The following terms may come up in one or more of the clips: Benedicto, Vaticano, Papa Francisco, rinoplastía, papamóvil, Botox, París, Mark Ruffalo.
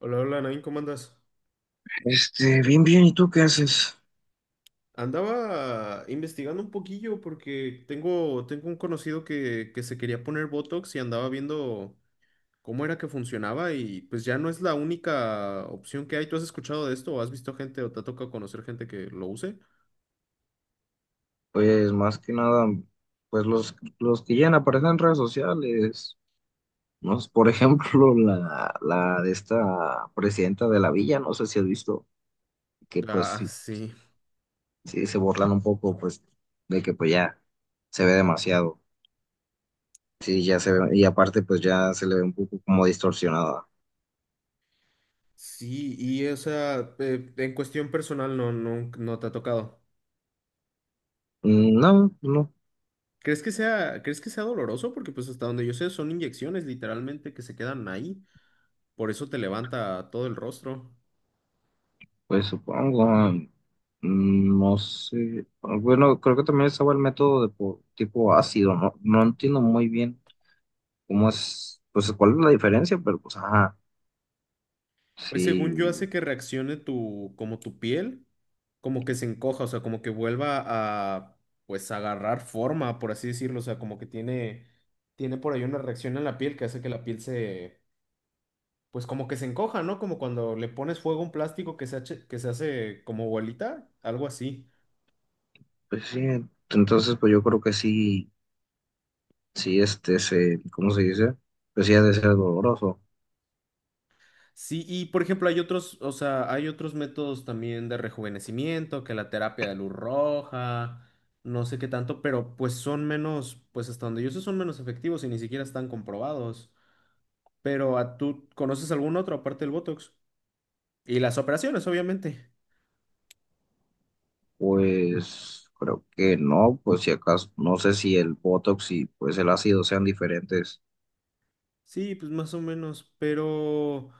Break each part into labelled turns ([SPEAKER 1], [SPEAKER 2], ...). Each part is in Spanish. [SPEAKER 1] Hola, hola, Nain, ¿cómo andas?
[SPEAKER 2] Bien, bien, ¿y tú qué haces?
[SPEAKER 1] Andaba investigando un poquillo porque tengo un conocido que se quería poner Botox y andaba viendo cómo era que funcionaba y pues ya no es la única opción que hay. ¿Tú has escuchado de esto o has visto gente o te ha tocado conocer gente que lo use?
[SPEAKER 2] Pues más que nada, pues los que ya aparecen en redes sociales, ¿no? Por ejemplo, la de esta presidenta de la villa, no sé si has visto, que pues
[SPEAKER 1] Ah,
[SPEAKER 2] sí,
[SPEAKER 1] sí.
[SPEAKER 2] sí se burlan un poco, pues, de que pues ya se ve demasiado. Sí, ya se ve, y aparte pues ya se le ve un poco como distorsionada.
[SPEAKER 1] Sí, y o sea, en cuestión personal no te ha tocado.
[SPEAKER 2] Mm, no, no.
[SPEAKER 1] Crees que sea doloroso? Porque pues hasta donde yo sé son inyecciones literalmente que se quedan ahí. Por eso te levanta todo el rostro.
[SPEAKER 2] Pues supongo, no sé. Bueno, creo que también estaba el método de tipo ácido, ¿no? No entiendo muy bien cómo es, pues cuál es la diferencia, pero pues ajá,
[SPEAKER 1] Pues según
[SPEAKER 2] sí,
[SPEAKER 1] yo hace que reaccione tu, como tu piel, como que se encoja, o sea, como que vuelva a, pues, agarrar forma, por así decirlo, o sea, como que tiene, tiene por ahí una reacción en la piel que hace que la piel se, pues, como que se encoja, ¿no? Como cuando le pones fuego a un plástico que se hace como bolita, algo así.
[SPEAKER 2] pues sí. Entonces, pues yo creo que sí, sí, ¿cómo se dice? Pues sí ha de ser doloroso.
[SPEAKER 1] Sí, y por ejemplo, hay otros, o sea, hay otros métodos también de rejuvenecimiento, que la terapia de luz roja, no sé qué tanto, pero pues son menos, pues hasta donde yo sé son menos efectivos y ni siquiera están comprobados. Pero ¿a tú conoces algún otro aparte del Botox? Y las operaciones, obviamente.
[SPEAKER 2] Pues creo que no, pues si acaso, no sé si el Botox y pues el ácido sean diferentes.
[SPEAKER 1] Sí, pues más o menos, pero...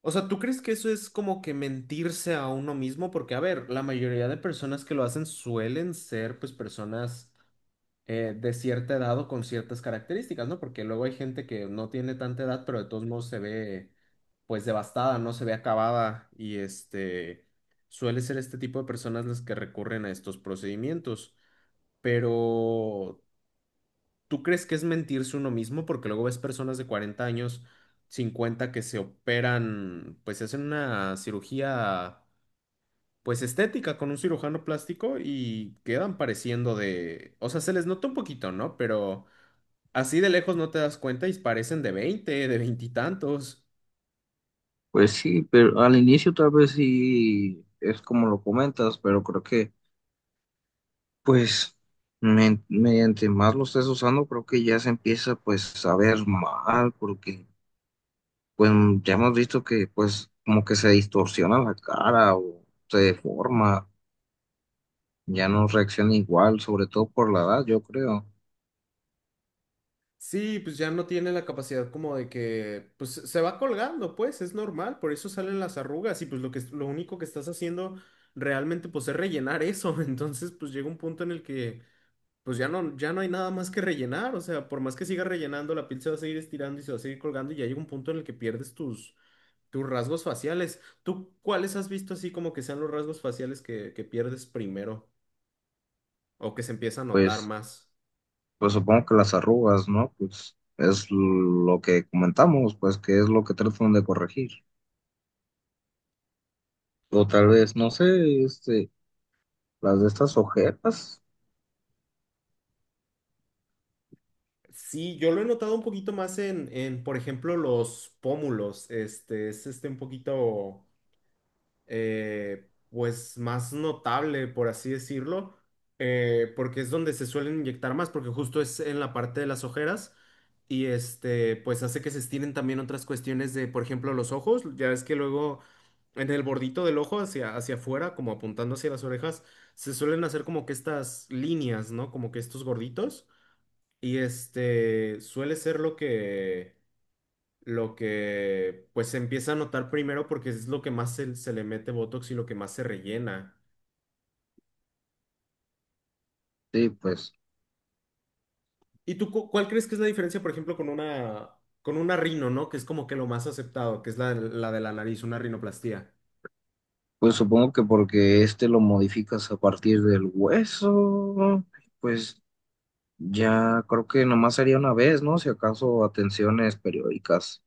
[SPEAKER 1] O sea, ¿tú crees que eso es como que mentirse a uno mismo? Porque, a ver, la mayoría de personas que lo hacen suelen ser pues personas de cierta edad o con ciertas características, ¿no? Porque luego hay gente que no tiene tanta edad, pero de todos modos se ve pues devastada, no se ve acabada y este suele ser este tipo de personas las que recurren a estos procedimientos. Pero ¿tú crees que es mentirse uno mismo? Porque luego ves personas de 40 años, 50 que se operan, pues se hacen una cirugía pues estética con un cirujano plástico y quedan pareciendo de, o sea, se les nota un poquito, ¿no? Pero así de lejos no te das cuenta y parecen de 20 de veintitantos.
[SPEAKER 2] Pues sí, pero al inicio tal vez sí es como lo comentas, pero creo que pues mediante más lo estés usando, creo que ya se empieza pues a ver mal, porque pues ya hemos visto que pues como que se distorsiona la cara o se deforma, ya no reacciona igual, sobre todo por la edad, yo creo.
[SPEAKER 1] Sí, pues ya no tiene la capacidad como de que, pues se va colgando, pues es normal, por eso salen las arrugas y pues lo único que estás haciendo realmente pues es rellenar eso, entonces pues llega un punto en el que pues ya no hay nada más que rellenar, o sea, por más que sigas rellenando, la piel se va a seguir estirando y se va a seguir colgando y ya llega un punto en el que pierdes tus rasgos faciales. ¿Tú cuáles has visto así como que sean los rasgos faciales que pierdes primero? O que se empieza a notar
[SPEAKER 2] Pues,
[SPEAKER 1] más.
[SPEAKER 2] pues supongo que las arrugas, ¿no? Pues es lo que comentamos, pues que es lo que tratan de corregir. O tal vez, no sé, este, las de estas ojeras,
[SPEAKER 1] Sí, yo lo he notado un poquito más por ejemplo, los pómulos. Este es un poquito, pues, más notable, por así decirlo, porque es donde se suelen inyectar más, porque justo es en la parte de las ojeras y este, pues, hace que se estiren también otras cuestiones de, por ejemplo, los ojos. Ya ves que luego en el bordito del ojo hacia afuera, como apuntando hacia las orejas, se suelen hacer como que estas líneas, ¿no? Como que estos gorditos. Y este suele ser lo que pues se empieza a notar primero porque es lo que más se le mete Botox y lo que más se rellena.
[SPEAKER 2] sí, pues.
[SPEAKER 1] ¿Y tú cuál crees que es la diferencia, por ejemplo, con una rino, ¿no? Que es como que lo más aceptado, que es la de la nariz, una rinoplastía.
[SPEAKER 2] Pues supongo que porque este lo modificas a partir del hueso, pues ya creo que nomás sería una vez, ¿no? Si acaso atenciones periódicas.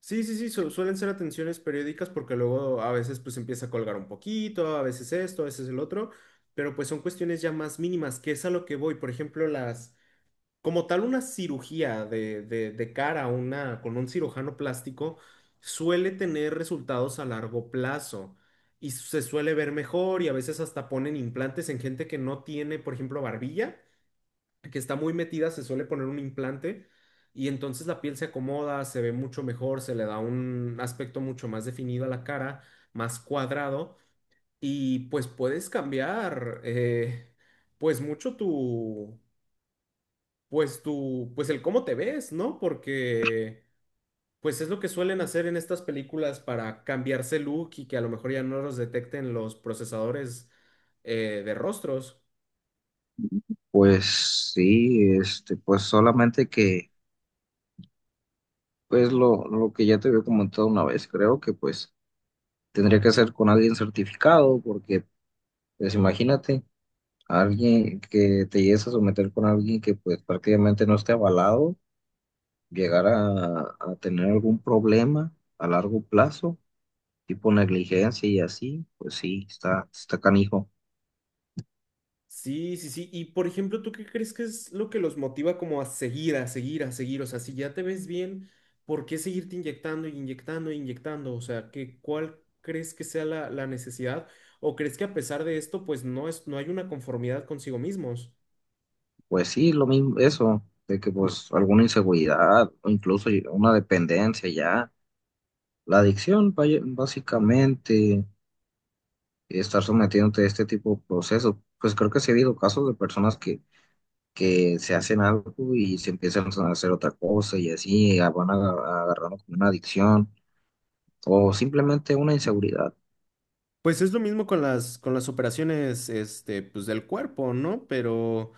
[SPEAKER 1] Sí, sí, sí, suelen ser atenciones periódicas porque luego a veces pues empieza a colgar un poquito, a veces esto, a veces el otro, pero pues son cuestiones ya más mínimas, que es a lo que voy. Por ejemplo, las... Como tal, una cirugía de, de cara a una, con un cirujano plástico suele tener resultados a largo plazo y se suele ver mejor y a veces hasta ponen implantes en gente que no tiene, por ejemplo, barbilla, que está muy metida, se suele poner un implante y entonces la piel se acomoda, se ve mucho mejor, se le da un aspecto mucho más definido a la cara, más cuadrado y pues puedes cambiar pues mucho, pues tu, pues el cómo te ves, ¿no? Porque pues es lo que suelen hacer en estas películas para cambiarse look y que a lo mejor ya no los detecten los procesadores, de rostros.
[SPEAKER 2] Pues sí, este, pues solamente que, pues lo que ya te había comentado una vez, creo que pues tendría que ser con alguien certificado, porque pues imagínate, alguien que te llegues a someter con alguien que pues prácticamente no esté avalado, llegar a tener algún problema a largo plazo. Tipo negligencia y así, pues sí, está canijo.
[SPEAKER 1] Sí, sí, sí. Y por ejemplo, ¿tú qué crees que es lo que los motiva como a seguir, a seguir, a seguir? O sea, si ya te ves bien, ¿por qué seguirte inyectando, inyectando, inyectando? O sea, ¿qué, cuál crees que sea la necesidad? ¿O crees que a pesar de esto, pues no es, no hay una conformidad consigo mismos?
[SPEAKER 2] Pues sí, lo mismo, eso, de que pues alguna inseguridad o incluso una dependencia ya, la adicción, básicamente, estar sometiéndote a este tipo de procesos, pues creo que sí ha habido casos de personas que se hacen algo y se empiezan a hacer otra cosa y así van agarrando como una adicción o simplemente una inseguridad.
[SPEAKER 1] Pues es lo mismo con con las operaciones, este, pues del cuerpo, ¿no? Pero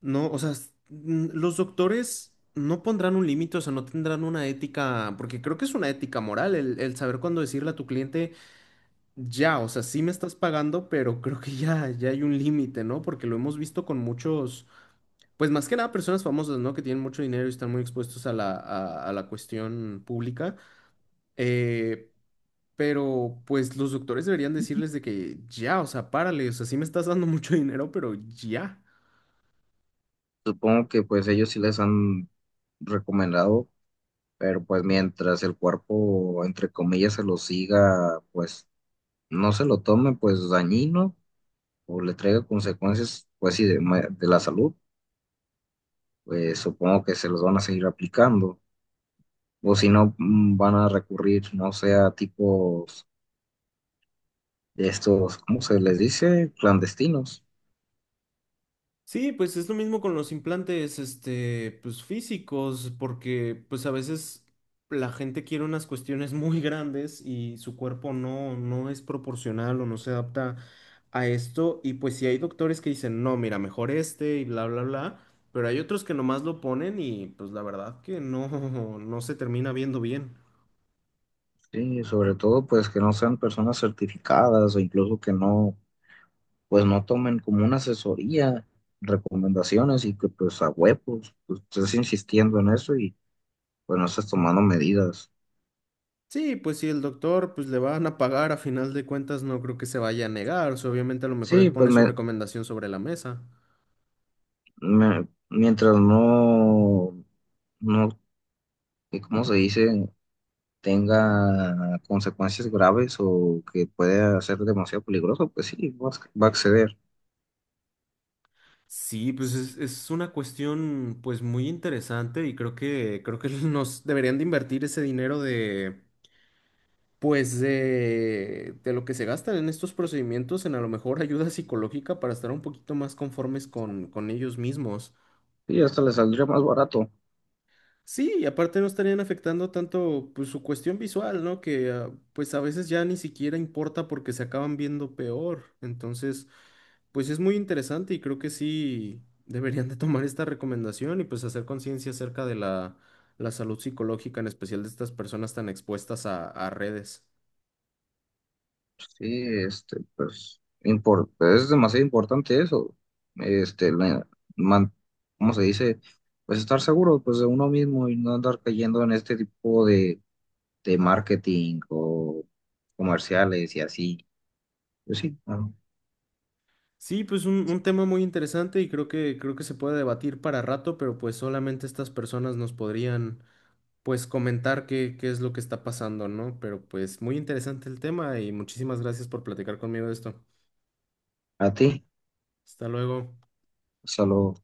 [SPEAKER 1] no, o sea, los doctores no pondrán un límite, o sea, no tendrán una ética, porque creo que es una ética moral el saber cuándo decirle a tu cliente, ya, o sea, sí me estás pagando, pero creo que ya, ya hay un límite, ¿no? Porque lo hemos visto con muchos, pues más que nada personas famosas, ¿no? Que tienen mucho dinero y están muy expuestos a a la cuestión pública. Eh, pero pues los doctores deberían decirles de que ya, o sea, párale, o sea, sí me estás dando mucho dinero, pero ya.
[SPEAKER 2] Supongo que pues ellos sí les han recomendado, pero pues mientras el cuerpo, entre comillas, se lo siga, pues no se lo tome, pues dañino o le traiga consecuencias, pues sí, de, de la salud, pues supongo que se los van a seguir aplicando, o si no, van a recurrir, no sé, a tipos de estos, ¿cómo se les dice? Clandestinos.
[SPEAKER 1] Sí, pues es lo mismo con los implantes, este, pues físicos, porque pues a veces la gente quiere unas cuestiones muy grandes y su cuerpo no es proporcional o no se adapta a esto. Y pues sí hay doctores que dicen, no, mira, mejor este y bla, bla, bla, pero hay otros que nomás lo ponen y pues la verdad que no, no se termina viendo bien.
[SPEAKER 2] Sí, sobre todo pues que no sean personas certificadas o incluso que no, pues no tomen como una asesoría, recomendaciones y que pues a huevos, pues estés insistiendo en eso y pues no estás tomando medidas.
[SPEAKER 1] Sí, pues si el doctor pues le van a pagar, a final de cuentas no creo que se vaya a negar. O sea, obviamente a lo mejor él
[SPEAKER 2] Sí,
[SPEAKER 1] pone su recomendación sobre la mesa.
[SPEAKER 2] mientras no, no, ¿y ¿cómo se dice? Tenga consecuencias graves o que pueda ser demasiado peligroso, pues sí, va a acceder.
[SPEAKER 1] Sí, pues es una cuestión pues muy interesante y creo que nos deberían de invertir ese dinero de pues de lo que se gastan en estos procedimientos en a lo mejor ayuda psicológica para estar un poquito más conformes con ellos mismos.
[SPEAKER 2] Y hasta le saldría más barato.
[SPEAKER 1] Sí, y aparte no estarían afectando tanto pues, su cuestión visual, ¿no? Que ah, pues a veces ya ni siquiera importa porque se acaban viendo peor. Entonces, pues es muy interesante y creo que sí deberían de tomar esta recomendación y pues hacer conciencia acerca de la salud psicológica, en especial de estas personas tan expuestas a redes.
[SPEAKER 2] Sí, este, pues, pues, es demasiado importante eso, este, la- man- ¿cómo se dice? Pues estar seguro, pues, de uno mismo y no andar cayendo en este tipo de marketing o comerciales y así. Pues sí,
[SPEAKER 1] Sí, pues un tema muy interesante y creo que se puede debatir para rato, pero pues solamente estas personas nos podrían pues comentar qué, qué es lo que está pasando, ¿no? Pero pues muy interesante el tema y muchísimas gracias por platicar conmigo de esto.
[SPEAKER 2] a ti,
[SPEAKER 1] Hasta luego.
[SPEAKER 2] solo